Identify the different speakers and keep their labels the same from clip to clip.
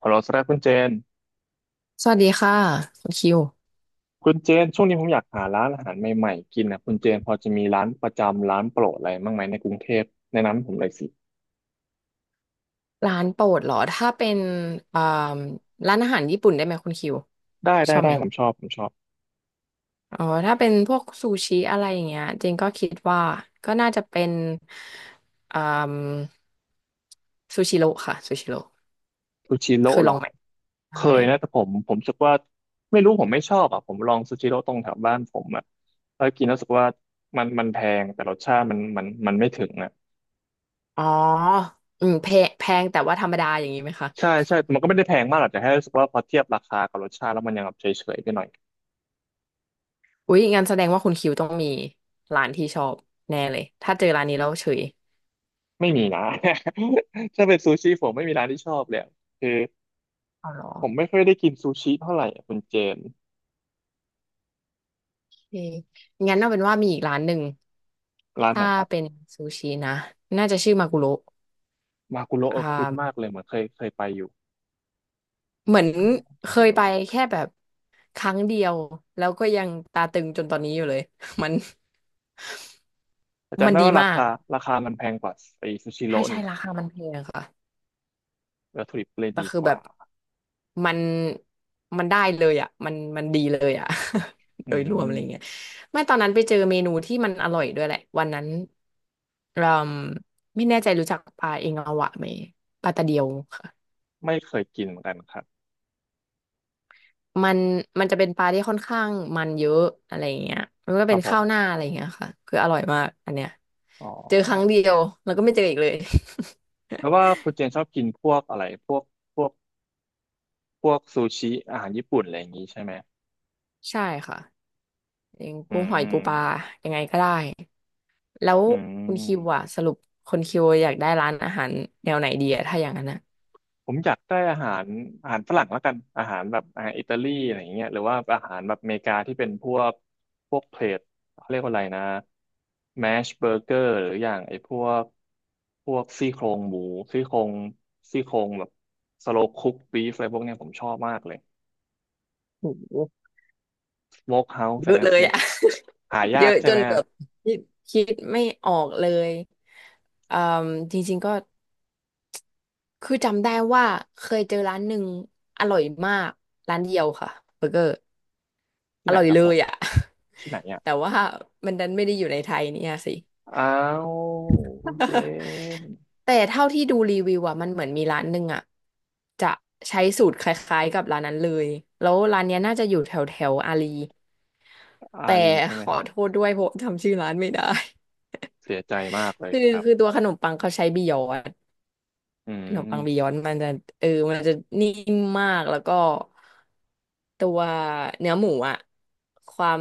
Speaker 1: ขอเราสรัคุณเจน
Speaker 2: สวัสดีค่ะคุณคิว
Speaker 1: คุณเจนช่วงนี้ผมอยากหาร้านอาหารใหม่ๆกินนะคุณเจนพอจะมีร้านประจำร้านโปรดอะไรบ้างไหมในกรุงเทพแนะนำให้ผมเลยสิ
Speaker 2: ร้านโปรดเหรอถ้าเป็นอ่าร้านอาหารญี่ปุ่นได้ไหมคุณคิว
Speaker 1: ได้
Speaker 2: ช
Speaker 1: ได้
Speaker 2: อบ
Speaker 1: ได้
Speaker 2: ไหม
Speaker 1: ผมชอบ
Speaker 2: อ๋อถ้าเป็นพวกซูชิอะไรอย่างเงี้ยจริงก็คิดว่าก็น่าจะเป็นอ่าซูชิโร่ค่ะซูชิโร่
Speaker 1: ซูชิโร่
Speaker 2: เคย
Speaker 1: เหร
Speaker 2: ล
Speaker 1: อ
Speaker 2: องไหม
Speaker 1: เคย
Speaker 2: ใช่
Speaker 1: นะแต่ผมรู้สึกว่าไม่รู้ผมไม่ชอบอ่ะผมลองซูชิโร่ตรงแถวบ้านผมอ่ะแล้วกินแล้วรู้สึกว่ามันแพงแต่รสชาติมันไม่ถึงอ่ะ
Speaker 2: อ๋ออืมแพงแพงแต่ว่าธรรมดาอย่างนี้ไหมคะ
Speaker 1: ใช่ใช่มันก็ไม่ได้แพงมากหรอกแต่แค่รู้สึกว่าพอเทียบราคากับรสชาติแล้วมันยังแบบเฉยๆไปหน่อย
Speaker 2: อุ๊ยงั้นแสดงว่าคุณคิวต้องมีร้านที่ชอบแน่เลยถ้าเจอร้านนี้แล้วเฉย
Speaker 1: ไม่มีนะ ถ้าเป็นซูชิผมไม่มีร้านที่ชอบเลยอะคือ
Speaker 2: อ๋อเหรอ
Speaker 1: ผมไม่ค่อยได้กินซูชิเท่าไหร่อะคุณเจน
Speaker 2: โอเคงั้นเอาเป็นว่ามีอีกร้านหนึ่ง
Speaker 1: ร้านไหน
Speaker 2: ถ้า
Speaker 1: ครับ
Speaker 2: เป็นซูชินะน่าจะชื่อมากุโระ
Speaker 1: มากุโระเอ
Speaker 2: อ่
Speaker 1: อคุ้นมาก
Speaker 2: า
Speaker 1: เลยเหมือนเคยไปอยู่
Speaker 2: เหมือน
Speaker 1: มา
Speaker 2: เค
Speaker 1: กุ
Speaker 2: ยไป
Speaker 1: โระ
Speaker 2: แค่แบบครั้งเดียวแล้วก็ยังตาตึงจนตอนนี้อยู่เลย มัน
Speaker 1: แต่
Speaker 2: มั
Speaker 1: จำ
Speaker 2: น
Speaker 1: ได้
Speaker 2: ดี
Speaker 1: ว่ารา
Speaker 2: มาก
Speaker 1: คาราคามันแพงกว่าไอซูชิโร่
Speaker 2: ใช่ใช่
Speaker 1: นี่
Speaker 2: ราคามันแพงค่ะ
Speaker 1: วัตถุดิบเลย
Speaker 2: แต่
Speaker 1: ดี
Speaker 2: คือ
Speaker 1: ก
Speaker 2: แบ
Speaker 1: ว่า
Speaker 2: บมันมันได้เลยอ่ะมันดีเลยอ่ะ
Speaker 1: อื
Speaker 2: โดยรวมอะไรเงี้ย
Speaker 1: ม
Speaker 2: ไม่ตอนนั้นไปเจอเมนูที่มันอร่อยด้วยแหละวันนั้นเราไม่แน่ใจรู้จักปลาเองอวะไหมปลาตะเดียวค่ะ
Speaker 1: ไม่เคยกินเหมือนกันครับ
Speaker 2: มันมันจะเป็นปลาที่ค่อนข้างมันเยอะอะไรอย่างเงี้ยมันก็
Speaker 1: ครั
Speaker 2: เป็น
Speaker 1: บผ
Speaker 2: ข้าวห
Speaker 1: ม
Speaker 2: น้าอะไรอย่างเงี้ยค่ะคืออร่อยมากอันเนี้ย
Speaker 1: อ๋อ
Speaker 2: เจอครั้งเดียวแล้วก็ไม่เจออีกเลย
Speaker 1: แล้วว่าคุณเจนชอบกินพวกอะไรพวกพวกซูชิอาหารญี่ปุ่นอะไรอย่างนี้ใช่ไหม
Speaker 2: ใช่ค่ะอย่าง
Speaker 1: อื
Speaker 2: กุ้งหอยปูปลา
Speaker 1: ม
Speaker 2: ยังไงก็ได้แล้ว
Speaker 1: อื
Speaker 2: คุณคิวอะ
Speaker 1: ม
Speaker 2: สรุปคนคิวอยากได้ร้านอาหารแนวไหนดีอะถ้าอย่างนั้นอะ
Speaker 1: ผมอยากได้อาหารอาหารฝรั่งแล้วกันอาหารแบบอาหารอิตาลีอะไรอย่างเงี้ยหรือว่าอาหารแบบอเมริกาที่เป็นพวกเพลทเขาเรียกว่าอะไรนะแมชเบอร์เกอร์หรืออย่างไอ้พวกซี่โครงหมูซี่โครงซี่โครงแบบสโลคุกบีฟอะไรพวกเนี้ยผมชอบมากเลย
Speaker 2: โอ้โห
Speaker 1: สโมกเฮาส์อ
Speaker 2: เย
Speaker 1: ย่าง
Speaker 2: อะ
Speaker 1: นั้
Speaker 2: เล
Speaker 1: นส
Speaker 2: ย
Speaker 1: โมก
Speaker 2: อะ
Speaker 1: หา
Speaker 2: เย
Speaker 1: ยาก
Speaker 2: อะ
Speaker 1: ใช่
Speaker 2: จ
Speaker 1: ไหม
Speaker 2: นแบบคิดคิดไม่ออกเลยอืมจริงๆก็ คือจำได้ว่าเคยเจอร้านหนึ่งอร่อยมากร้านเดียวค่ะเบอร์เกอร์
Speaker 1: ที่
Speaker 2: อ
Speaker 1: ไหน
Speaker 2: ร่อย
Speaker 1: ครับ
Speaker 2: เล
Speaker 1: ผ
Speaker 2: ย
Speaker 1: ม
Speaker 2: อ่ะ
Speaker 1: ที่ไหน อ่ะ
Speaker 2: แต่ว่ามันดันไม่ได้อยู่ในไทยเนี่ยสิ
Speaker 1: อ้าวคุณเจ น
Speaker 2: แต่เท่าที่ดูรีวิวอ่ะมันเหมือนมีร้านหนึ่งอ่ะจะใช้สูตรคล้ายๆกับร้านนั้นเลยแล้วร้านเนี้ยน่าจะอยู่แถวแถวอารี
Speaker 1: อา
Speaker 2: แต่
Speaker 1: รีใช่
Speaker 2: ข
Speaker 1: ไหม
Speaker 2: อ
Speaker 1: ครับ
Speaker 2: โทษด้วยเพราะจำชื่อร้านไม่ได้
Speaker 1: เสียใจมาก เลย
Speaker 2: คือ
Speaker 1: ครับ
Speaker 2: คือตัวขนมปังเขาใช้บียอน
Speaker 1: อื
Speaker 2: ขนมปังบี
Speaker 1: ม
Speaker 2: ยอนด์มันจะเออมันจะนิ่มมากแล้วก็ตัวเนื้อหมูอะความ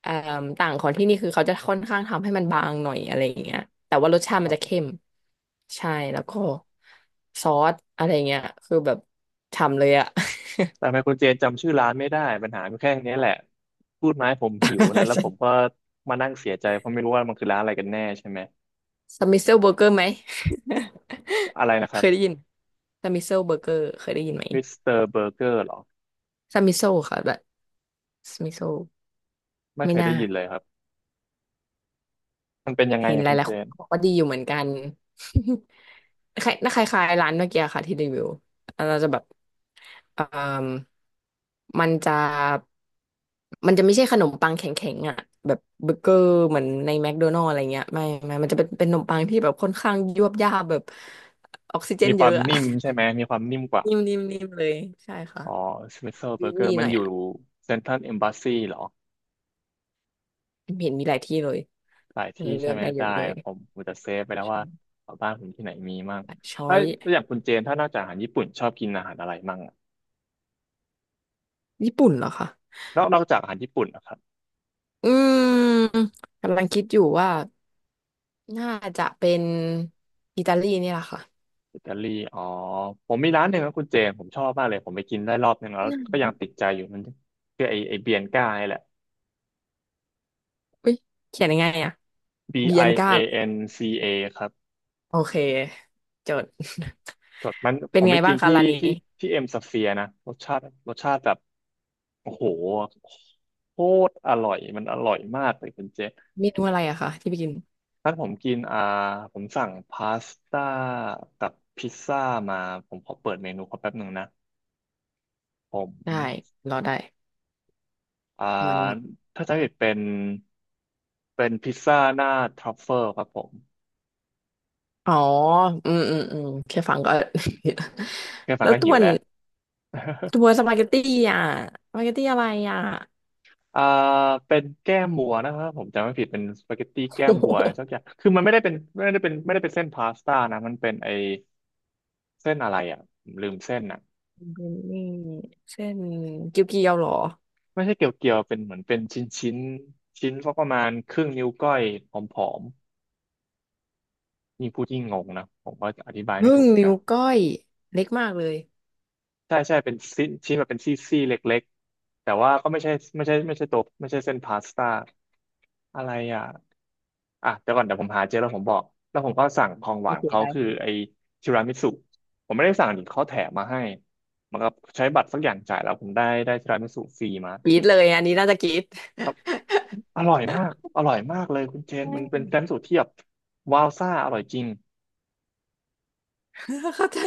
Speaker 2: เอ่อต่างของที่นี่คือเขาจะค่อนข้างทำให้มันบางหน่อยอะไรอย่างเงี้ยแต่ว่ารสชา
Speaker 1: ค
Speaker 2: ติมัน
Speaker 1: รั
Speaker 2: จะเข้
Speaker 1: บ
Speaker 2: มใช่แล้วก็ซอสอะไรเงี้ยคือแบบฉ่ำเลยอะ
Speaker 1: แต่ไมโครเจนจำชื่อร้านไม่ได้ปัญหามันแค่เนี้ยแหละพูดมาให้ผมหิวนะแล้วผมก็ มานั่งเสียใจเพราะไม่รู้ว่ามันคือร้านอะไรกันแน่ใช่ไหม
Speaker 2: สมิเซลเบอร์เกอร์ไหม
Speaker 1: อะไรนะค
Speaker 2: เค
Speaker 1: รั
Speaker 2: ยได้
Speaker 1: บ
Speaker 2: ยินสมิเซลเบอร์เกอร์เคยได้ยินไหม
Speaker 1: มิสเตอร์เบอร์เกอร์หรอ
Speaker 2: สมิโซค่ะแบบสมิโซ
Speaker 1: ไม่
Speaker 2: ไม่
Speaker 1: เคย
Speaker 2: น่า
Speaker 1: ได้ยินเลยครับมันเป็นยังไง
Speaker 2: เห็น
Speaker 1: อะ
Speaker 2: ห
Speaker 1: คุณ
Speaker 2: ลาย
Speaker 1: เจ
Speaker 2: ๆคน
Speaker 1: น
Speaker 2: บอกว่าดีอยู่เหมือนกัน คล้ายน่าคล้ายๆร้านเมื่อกี้ค่ะที่รีวิวเราจะแบบเอ่มมันจะมันจะไม่ใช่ขนมปังแข็งๆอ่ะแบบเบอร์เกอร์เหมือนในแมคโดนัลด์อะไรเงี้ยไม่มันจะเป็นขนมปังที่แบบค่อนข้างยวบยาบแบบออกซิเจ
Speaker 1: มี
Speaker 2: น
Speaker 1: ค
Speaker 2: เย
Speaker 1: วาม
Speaker 2: อะอ่ะ
Speaker 1: นิ่มใช่ไหมมีความนิ่มกว่า
Speaker 2: นิ่มนิ่มนิ่มเลยใช่ค่ะ
Speaker 1: อ๋อสมิสเตเบ
Speaker 2: ยุ่
Speaker 1: อร์เกอ
Speaker 2: ย
Speaker 1: ร์
Speaker 2: ๆ
Speaker 1: มั
Speaker 2: ห
Speaker 1: น
Speaker 2: น่อย
Speaker 1: อยู่
Speaker 2: อ่ะ
Speaker 1: เซ็นทรัลเอมบ s สซีเหรอ
Speaker 2: เห็นมีหลายที่เลย
Speaker 1: หลายที่
Speaker 2: เลื
Speaker 1: ใช่
Speaker 2: อก
Speaker 1: ไหม
Speaker 2: ได้เย
Speaker 1: ได้
Speaker 2: อะเลย
Speaker 1: ผมผมจะเซฟไปแล้วว่าแถวบ้านผมที่ไหนมีมั่ง
Speaker 2: ช้อ
Speaker 1: ถ้า
Speaker 2: ย
Speaker 1: อย่างคุณเจนถ้านอกจากอาหารญี่ปุ่นชอบกินอาหารอะไรมั่งอะ
Speaker 2: ญี่ปุ่นเหรอคะ
Speaker 1: นอกจากอาหารญี่ปุ่นนะครับ
Speaker 2: อืมกำลังคิดอยู่ว่า น่าจะเป็นอิตาลีนี่แหละค่ะ
Speaker 1: อิตาลีอ๋อ ผมมีร้านหนึ่งนะัคุณเจผมชอบมากเลยผมไปกินได้รอบหนึ่งแล้
Speaker 2: อื
Speaker 1: วก็ยังติ
Speaker 2: ม
Speaker 1: ดใจอยู่มันคือไอเบียนก้านี่แหละ
Speaker 2: อุ๊ยเขียนยังไงอ่ะ
Speaker 1: B
Speaker 2: เบียน
Speaker 1: I
Speaker 2: ก้าเหร
Speaker 1: A
Speaker 2: อ
Speaker 1: N C A ครับ
Speaker 2: โอเคจด
Speaker 1: สดมัน
Speaker 2: เป็
Speaker 1: ผ
Speaker 2: น
Speaker 1: ม
Speaker 2: ไง
Speaker 1: ไป
Speaker 2: บ้า
Speaker 1: กิ
Speaker 2: ง
Speaker 1: น
Speaker 2: คะ
Speaker 1: ที่
Speaker 2: ร้านนี้
Speaker 1: ที่ที่เอ็มสเฟียนะ รสชาติแบบ โอ้โหโคตรอร่อย มันอร่อยมากเลยคุณเจมส์
Speaker 2: เมนูอะไรอะคะที่ไปกิน
Speaker 1: ถ้าผมกินอ่าผมสั่งพาสต้ากับพิซซ่ามาผมขอเปิดเมนูเขาแป๊บหนึ่งนะผม
Speaker 2: ได้รอได้
Speaker 1: อ่า
Speaker 2: มัน
Speaker 1: ถ้าจำไม่ผิดเป็น เป็นพิซซ่าหน้าทรัฟเฟิลครับผม
Speaker 2: อ๋ออืมอืมอืมแค่ฟังก็
Speaker 1: แค่ ฟัง
Speaker 2: แล้ว
Speaker 1: ก็
Speaker 2: ตั
Speaker 1: หิ
Speaker 2: ว
Speaker 1: ว
Speaker 2: น
Speaker 1: แล้ว
Speaker 2: ตัวสปาเกตตี้อ่ะสปาเกตตี้อะไรอ่ะ
Speaker 1: อ่าเป็นแก้มวัวนะครับผมจำไม่ผิดเป็นสปาเกตตี้แก้ม
Speaker 2: โอ้โห
Speaker 1: วัวสักอย่างคือมันไม่ได้เป็นไม่ได้เป็นไม่ได้เป็นเส้นพาสต้านะมันเป็นไอเส้นอะไรอ่ะผมลืมเส้นอ่ะ
Speaker 2: เป็นนี่ เส้นเกี๊ยวๆเหรอ
Speaker 1: ไม่ใช่เกี่ยวเกี่ยวเป็นเหมือนเป็นชิ้นชิ้นชิ้นสักประมาณครึ่งนิ้วก้อยผอมๆยิ่งพูดยิ่งงงนะผมก็อธิบายไม่
Speaker 2: พึ่
Speaker 1: ถู
Speaker 2: ง
Speaker 1: กเหมือน
Speaker 2: นิ้
Speaker 1: กั
Speaker 2: ว
Speaker 1: น
Speaker 2: ก้อยเล็กมากเลย
Speaker 1: ใช่ใช่เป็นชิ้นชิ้นแบบเป็นซี่ซี่เล็กๆแต่ว่าก็ไม่ใช่ไม่ใช่ตัวไม่ใช่เส้นพาสต้าอะไรอ่ะ อ่ะเดี๋ยวก่อนเดี๋ยวผมหาเจอแล้วผมบอกแล้วผมก็สั่งของห
Speaker 2: โอ
Speaker 1: วาน
Speaker 2: เค
Speaker 1: เขา
Speaker 2: ได้
Speaker 1: คือไอ้ทีรามิสุผมไม่ได้สั่งดิเขาแถมมาให้เหมันก็ใช้บัตรสักอย่างจ่ายแล้วผมได้ทีรามิสุฟรีมา
Speaker 2: กรี๊ดเลยอันนี้น่าจะกรี๊ด
Speaker 1: ครับอร่อยมากอร่อยมากเลยคุณเจ
Speaker 2: ใช
Speaker 1: นมันเป็
Speaker 2: ่
Speaker 1: นทีรามิสุที่แบบว้าวซ่าอร่อยจริง
Speaker 2: เข้าใจ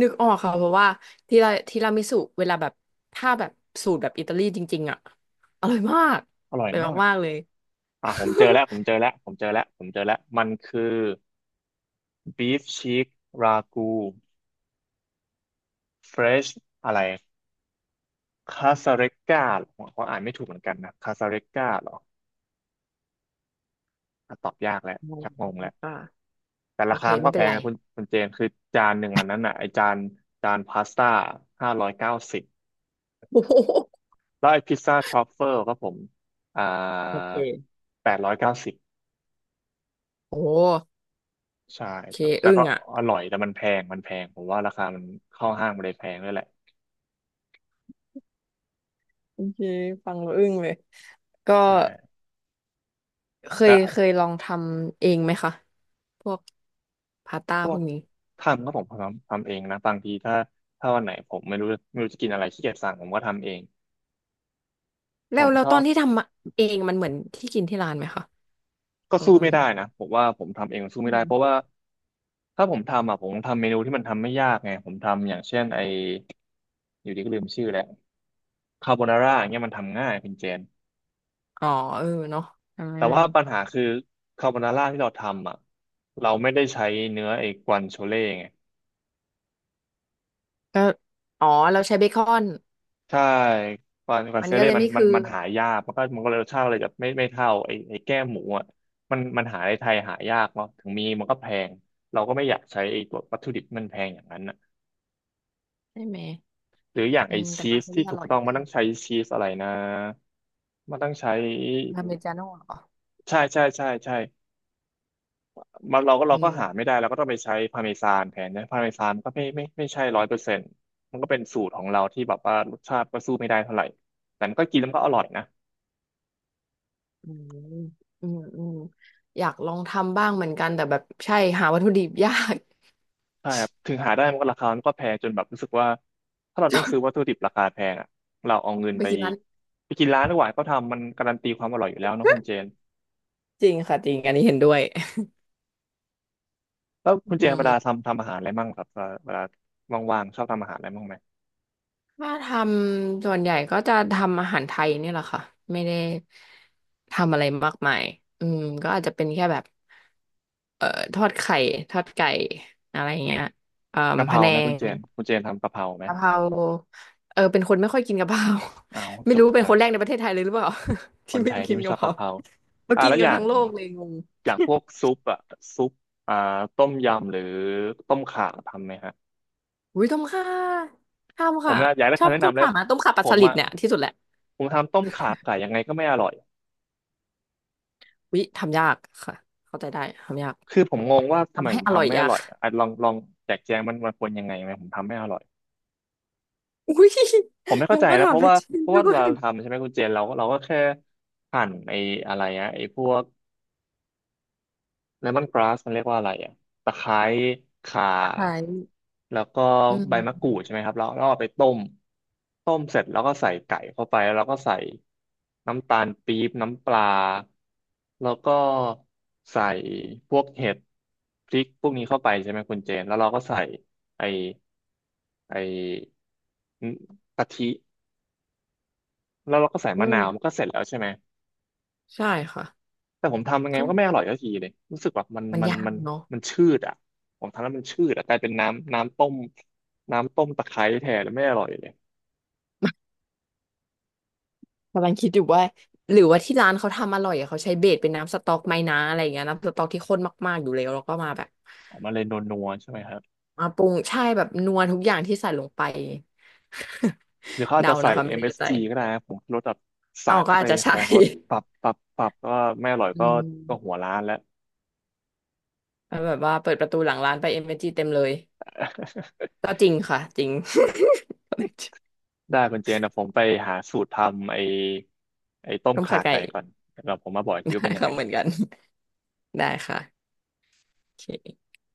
Speaker 2: นึกออกค่ะเพราะว่าทีราทีรามิสุเวลาแบบถ้าแบบสูตรแบบอิตาลีจริงๆอ่ะอร่อยมาก
Speaker 1: อร่
Speaker 2: อ
Speaker 1: อย
Speaker 2: ร่อย
Speaker 1: มาก
Speaker 2: มากๆเลย
Speaker 1: อ่ะผมเจอแล้วผมเจอ แล้วผมเจอแล้วผมเจอแล้วมันคือบีฟชีกรากูเฟรชอะไรคาซาเรก a าผมอ่านไม่ถูกเหมือนกันนะคาซาเรก a าหรออ่ะตอบยากแล้ว
Speaker 2: ไม่
Speaker 1: ชักง
Speaker 2: ครั
Speaker 1: ง
Speaker 2: บ
Speaker 1: แล้ว
Speaker 2: ไม่กล้า
Speaker 1: แต่
Speaker 2: โอ
Speaker 1: รา
Speaker 2: เค
Speaker 1: คามัน
Speaker 2: ไม่
Speaker 1: ก็แพ
Speaker 2: เป็น
Speaker 1: ง
Speaker 2: ไร
Speaker 1: นะคุณเจนคือจานหนึ่งอันนั้นน่ะไอจานจานพาสต้า590
Speaker 2: โอ้โห
Speaker 1: แล้วไอพิซซ่าทรัฟเฟิลก็ผมอ่า
Speaker 2: โอเค
Speaker 1: 890
Speaker 2: โอ้โห
Speaker 1: ใช่
Speaker 2: โอเค
Speaker 1: แต่
Speaker 2: อึ้ง
Speaker 1: ก็
Speaker 2: อ่ะ
Speaker 1: อร่อยแต่มันแพงมันแพงผมว่าราคามันเข้าห้างมันเลยแพงด้วยแหละ
Speaker 2: โอเคฟังแล้วอึ้งเลยก็
Speaker 1: ใช่
Speaker 2: เค
Speaker 1: แต่
Speaker 2: ยเคยลองทำเองไหมคะพวกพาสต้า
Speaker 1: พ
Speaker 2: พ
Speaker 1: วก
Speaker 2: วกนี้
Speaker 1: ทำก็ผมทำเองนะบางทีถ้าวันไหนผมไม่รู้จะกินอะไรขี้เกียจสั่งผมก็ทำเองผ
Speaker 2: แล้ว
Speaker 1: มช
Speaker 2: ต
Speaker 1: อ
Speaker 2: อน
Speaker 1: บ
Speaker 2: ที่ทำเองมันเหมือนที่กินที่ร้านไหมคะ
Speaker 1: ก็
Speaker 2: อ๋อ
Speaker 1: สู้ไม่ได้นะผมว่าผมทำเองสู้
Speaker 2: อื
Speaker 1: ไม่ได้เพราะ
Speaker 2: ม
Speaker 1: ว่าถ้าผมทำอ่ะผมทำเมนูที่มันทำไม่ยากไงผมทำอย่างเช่นไออยู่ดีก็ลืมชื่อแล้วคาโบนาร่าอย่างเงี้ยมันทำง่ายคุณเจน
Speaker 2: อ๋อเออเนาะทำ
Speaker 1: แต่
Speaker 2: ง่า
Speaker 1: ว่าปัญ
Speaker 2: ย
Speaker 1: หาคือคาโบนาร่าที่เราทำอ่ะเราไม่ได้ใช้เนื้อไอ้กวานโชเล่ไง
Speaker 2: ก็อ๋อเราใช้เบคอน
Speaker 1: ใช่กวาน
Speaker 2: มัน
Speaker 1: โช
Speaker 2: ก็
Speaker 1: เล่
Speaker 2: เลย
Speaker 1: มัน
Speaker 2: ไม่
Speaker 1: มัน
Speaker 2: คือ
Speaker 1: มันหายากมันก็เลยรสชาติเลยแบไม่ไม่เท่าไอ้แก้มหมูอ่ะมันหาในไทยหายากเนาะถึงมีมันก็แพงเราก็ไม่อยากใช้ไอ้ตัววัตถุดิบที่มันแพงอย่างนั้น
Speaker 2: ใช่ไหม
Speaker 1: หรืออย่าง
Speaker 2: อื
Speaker 1: ไอ
Speaker 2: มแต่
Speaker 1: ชี
Speaker 2: ก็
Speaker 1: ส
Speaker 2: ใช้
Speaker 1: ที่
Speaker 2: ได้อ
Speaker 1: ถูก
Speaker 2: ร่อย
Speaker 1: ต้องมันต้องใช้ชีสอะไรนะมันต้องใช้
Speaker 2: อเมริกาโน่เหรอ
Speaker 1: ใช่ใช่ใช่ใช่มันเราก็
Speaker 2: อื
Speaker 1: เราก็หา
Speaker 2: ม
Speaker 1: ไม่ได้เราก็ต้องไปใช้พาร์เมซานแทนนะพาร์เมซานก็ไม่ใช่100%มันก็เป็นสูตรของเราที่แบบว่ารสชาติก็สู้ไม่ได้เท่าไหร่แต่มันก็กินแล้วมันก็อร่อยนะ
Speaker 2: อืมอืมอืมอยากลองทำบ้างเหมือนกันแต่แบบใช่หาวัตถุดิบยาก
Speaker 1: ใช่ครับถึงหาได้มันก็ราคามันก็แพงจนแบบรู้สึกว่าถ้าเราต้องซื้อวัตถุดิบราคาแพงอ่ะเราเอาเงิน
Speaker 2: ไป
Speaker 1: ไป
Speaker 2: กินร้าน
Speaker 1: ไปกินร้านดีกว่าเขาทำมันการันตีความอร่อยอยู่แล้วเนอะคุณเจน
Speaker 2: จริงค่ะจริงอันนี้เห็นด้วย
Speaker 1: แล้ว
Speaker 2: อื
Speaker 1: คุณเจนเวลา
Speaker 2: ม
Speaker 1: ทำอาหารอะไรมั่งครับเวลาว่างๆชอบทำอาหารอะไรมั่งไหม
Speaker 2: ถ้าทำส่วนใหญ่ก็จะทำอาหารไทยเนี่ยแหละค่ะไม่ได้ทำอะไรมากมายอืมก็อาจจะเป็นแค่แบบ เอ่อทอดไข่ทอดไก่อะไรอย่างเงี้ยเอ่อ
Speaker 1: กะเพ
Speaker 2: พะ
Speaker 1: รา
Speaker 2: แน
Speaker 1: ไหมคุณเจ
Speaker 2: ง
Speaker 1: นคุณเจนทำกะเพราไหม
Speaker 2: กะเพราเออเป็นคนไม่ค่อยกินกะเพรา
Speaker 1: เอาว
Speaker 2: ไม่
Speaker 1: จ
Speaker 2: รู้
Speaker 1: บ
Speaker 2: เป็น
Speaker 1: กั
Speaker 2: ค
Speaker 1: น
Speaker 2: นแรกในประเทศไทยเลยหรือเปล่า
Speaker 1: ค
Speaker 2: ที่
Speaker 1: น
Speaker 2: ไม่
Speaker 1: ไทยที่
Speaker 2: กิน
Speaker 1: ไม่ช
Speaker 2: กะ
Speaker 1: อบ
Speaker 2: เพรา
Speaker 1: กะเพรา
Speaker 2: มากิน
Speaker 1: แล้ว
Speaker 2: กั
Speaker 1: อ
Speaker 2: น
Speaker 1: ย่าง
Speaker 2: ทั้งโลกเลยงง
Speaker 1: อย่างพวกซุปอะซุปอ่าต้มยำหรือต้มข่าทำไหมฮะ
Speaker 2: อุ้ยต้มข่า
Speaker 1: ผ
Speaker 2: ทำ
Speaker 1: ม
Speaker 2: ค่ะ
Speaker 1: นะอยากได้
Speaker 2: ชอ
Speaker 1: คำ
Speaker 2: บ
Speaker 1: แนะ
Speaker 2: ต้ม
Speaker 1: นำแล้ว
Speaker 2: ข่ามาต้มข่าป
Speaker 1: ผ
Speaker 2: ลาส
Speaker 1: ม
Speaker 2: ลิด
Speaker 1: อะ
Speaker 2: เนี่ยที่สุดแหละ
Speaker 1: ผมทำต้มข่าไก่ยังไงก็ไม่อร่อย
Speaker 2: วิ้ทำยากค่ะเข้าใจได้ทำยาก
Speaker 1: คือผมงงว่าทำไม
Speaker 2: ทำ
Speaker 1: ผ
Speaker 2: ให้
Speaker 1: ม
Speaker 2: อร่อ
Speaker 1: ทำ
Speaker 2: ย
Speaker 1: ไม่อ
Speaker 2: ยาก
Speaker 1: ร่อยอะอ่ะลองลองแจกแจงมันมันควรยังไงไหมผมทำไม่อร่อย
Speaker 2: อุ้ย
Speaker 1: ผมไม่
Speaker 2: แล้
Speaker 1: เข้า
Speaker 2: ว
Speaker 1: ใจ
Speaker 2: ก็
Speaker 1: นะเพ
Speaker 2: ทำ
Speaker 1: ราะ
Speaker 2: แล้ว
Speaker 1: ว่า
Speaker 2: ชริน
Speaker 1: เพราะ
Speaker 2: ด้
Speaker 1: ว่าเว
Speaker 2: ว
Speaker 1: ลา
Speaker 2: ย
Speaker 1: เราทำใช่ไหมคุณเจนเราก็แค่หั่นไอ้อะไรอะไอ้พวกเลมอนกราสมันเรียกว่าอะไรอะตะไคร้ข่า
Speaker 2: ตาหาร
Speaker 1: แล้วก็
Speaker 2: อื
Speaker 1: ใบมะกรูดใช่
Speaker 2: ม
Speaker 1: ไหมครับแล้วเราเอาไปต้มเสร็จแล้วก็ใส่ไก่เข้าไปแล้วเราก็ใส่น้ำตาลปี๊บน้ำปลาแล้วก็ใส่พวกเห็ดพริกพวกนี้เข้าไปใช่ไหมคุณเจนแล้วเราก็ใส่ไอ้ไอ้กะทิ แล้วเราก็ใส่
Speaker 2: อื
Speaker 1: มะ
Speaker 2: ม
Speaker 1: นาวมันก็เสร็จแล้วใช่ไหม
Speaker 2: ใช่ค่ะ
Speaker 1: แต่ผมทำยังไง
Speaker 2: ก็
Speaker 1: มันก็ไม่อร่อยสักทีเลยรู้สึกว่า
Speaker 2: มันยากเนาะ
Speaker 1: มันชืดอ่ะผมทำแล้วมันชืดอ่ะกลายเป็นน้ำต้มตะไคร้แทนแล้วไม่อร่อยเลย
Speaker 2: กำลังคิดอยู่ว่าหรือว่าที่ร้านเขาทำอร่อยอะเขาใช้เบสเป็นน้ำสต๊อกไหมนะอะไรอย่างเงี้ยน้ำสต๊อกที่ข้นมากๆอยู่แล้วแล้วก็มาแบบ
Speaker 1: ออกมาเลยนัวๆใช่ไหมครับ
Speaker 2: มาปรุงใช่แบบนัวทุกอย่างที่ใส่ลงไป
Speaker 1: หรือเขาอาจ
Speaker 2: เดา
Speaker 1: จะใส่
Speaker 2: นะคะ
Speaker 1: เอ็
Speaker 2: ไม่
Speaker 1: ม
Speaker 2: แน่
Speaker 1: เอส
Speaker 2: ใจ
Speaker 1: จีก็ได้นะผงชูรสแบบ
Speaker 2: อ๋
Speaker 1: สา
Speaker 2: อ
Speaker 1: ด
Speaker 2: ก็
Speaker 1: เข้า
Speaker 2: อา
Speaker 1: ไป
Speaker 2: จจะ
Speaker 1: ผ
Speaker 2: ใช่
Speaker 1: งชูรสปรับปรับปรับก็ไม่อร่อย
Speaker 2: อื
Speaker 1: ก็
Speaker 2: ม
Speaker 1: หัวร้านแล้ว
Speaker 2: แล้วแบบว่าเปิดประตูหลังร้านไปเอเนอร์จีเต็มเลย ก็จริงค่ะจริง
Speaker 1: ได้คุณเจนนะผมไปหาสูตรทำไอ้ต้ม
Speaker 2: ต้ม
Speaker 1: ข่า
Speaker 2: ข่าไก่
Speaker 1: ไก่ก่อนแล้วผมมาบอกอีก ทีว่า
Speaker 2: ได้
Speaker 1: เป็นยัง
Speaker 2: ค่ะ
Speaker 1: ไง
Speaker 2: เหมือนกันได้ค่ะโอเค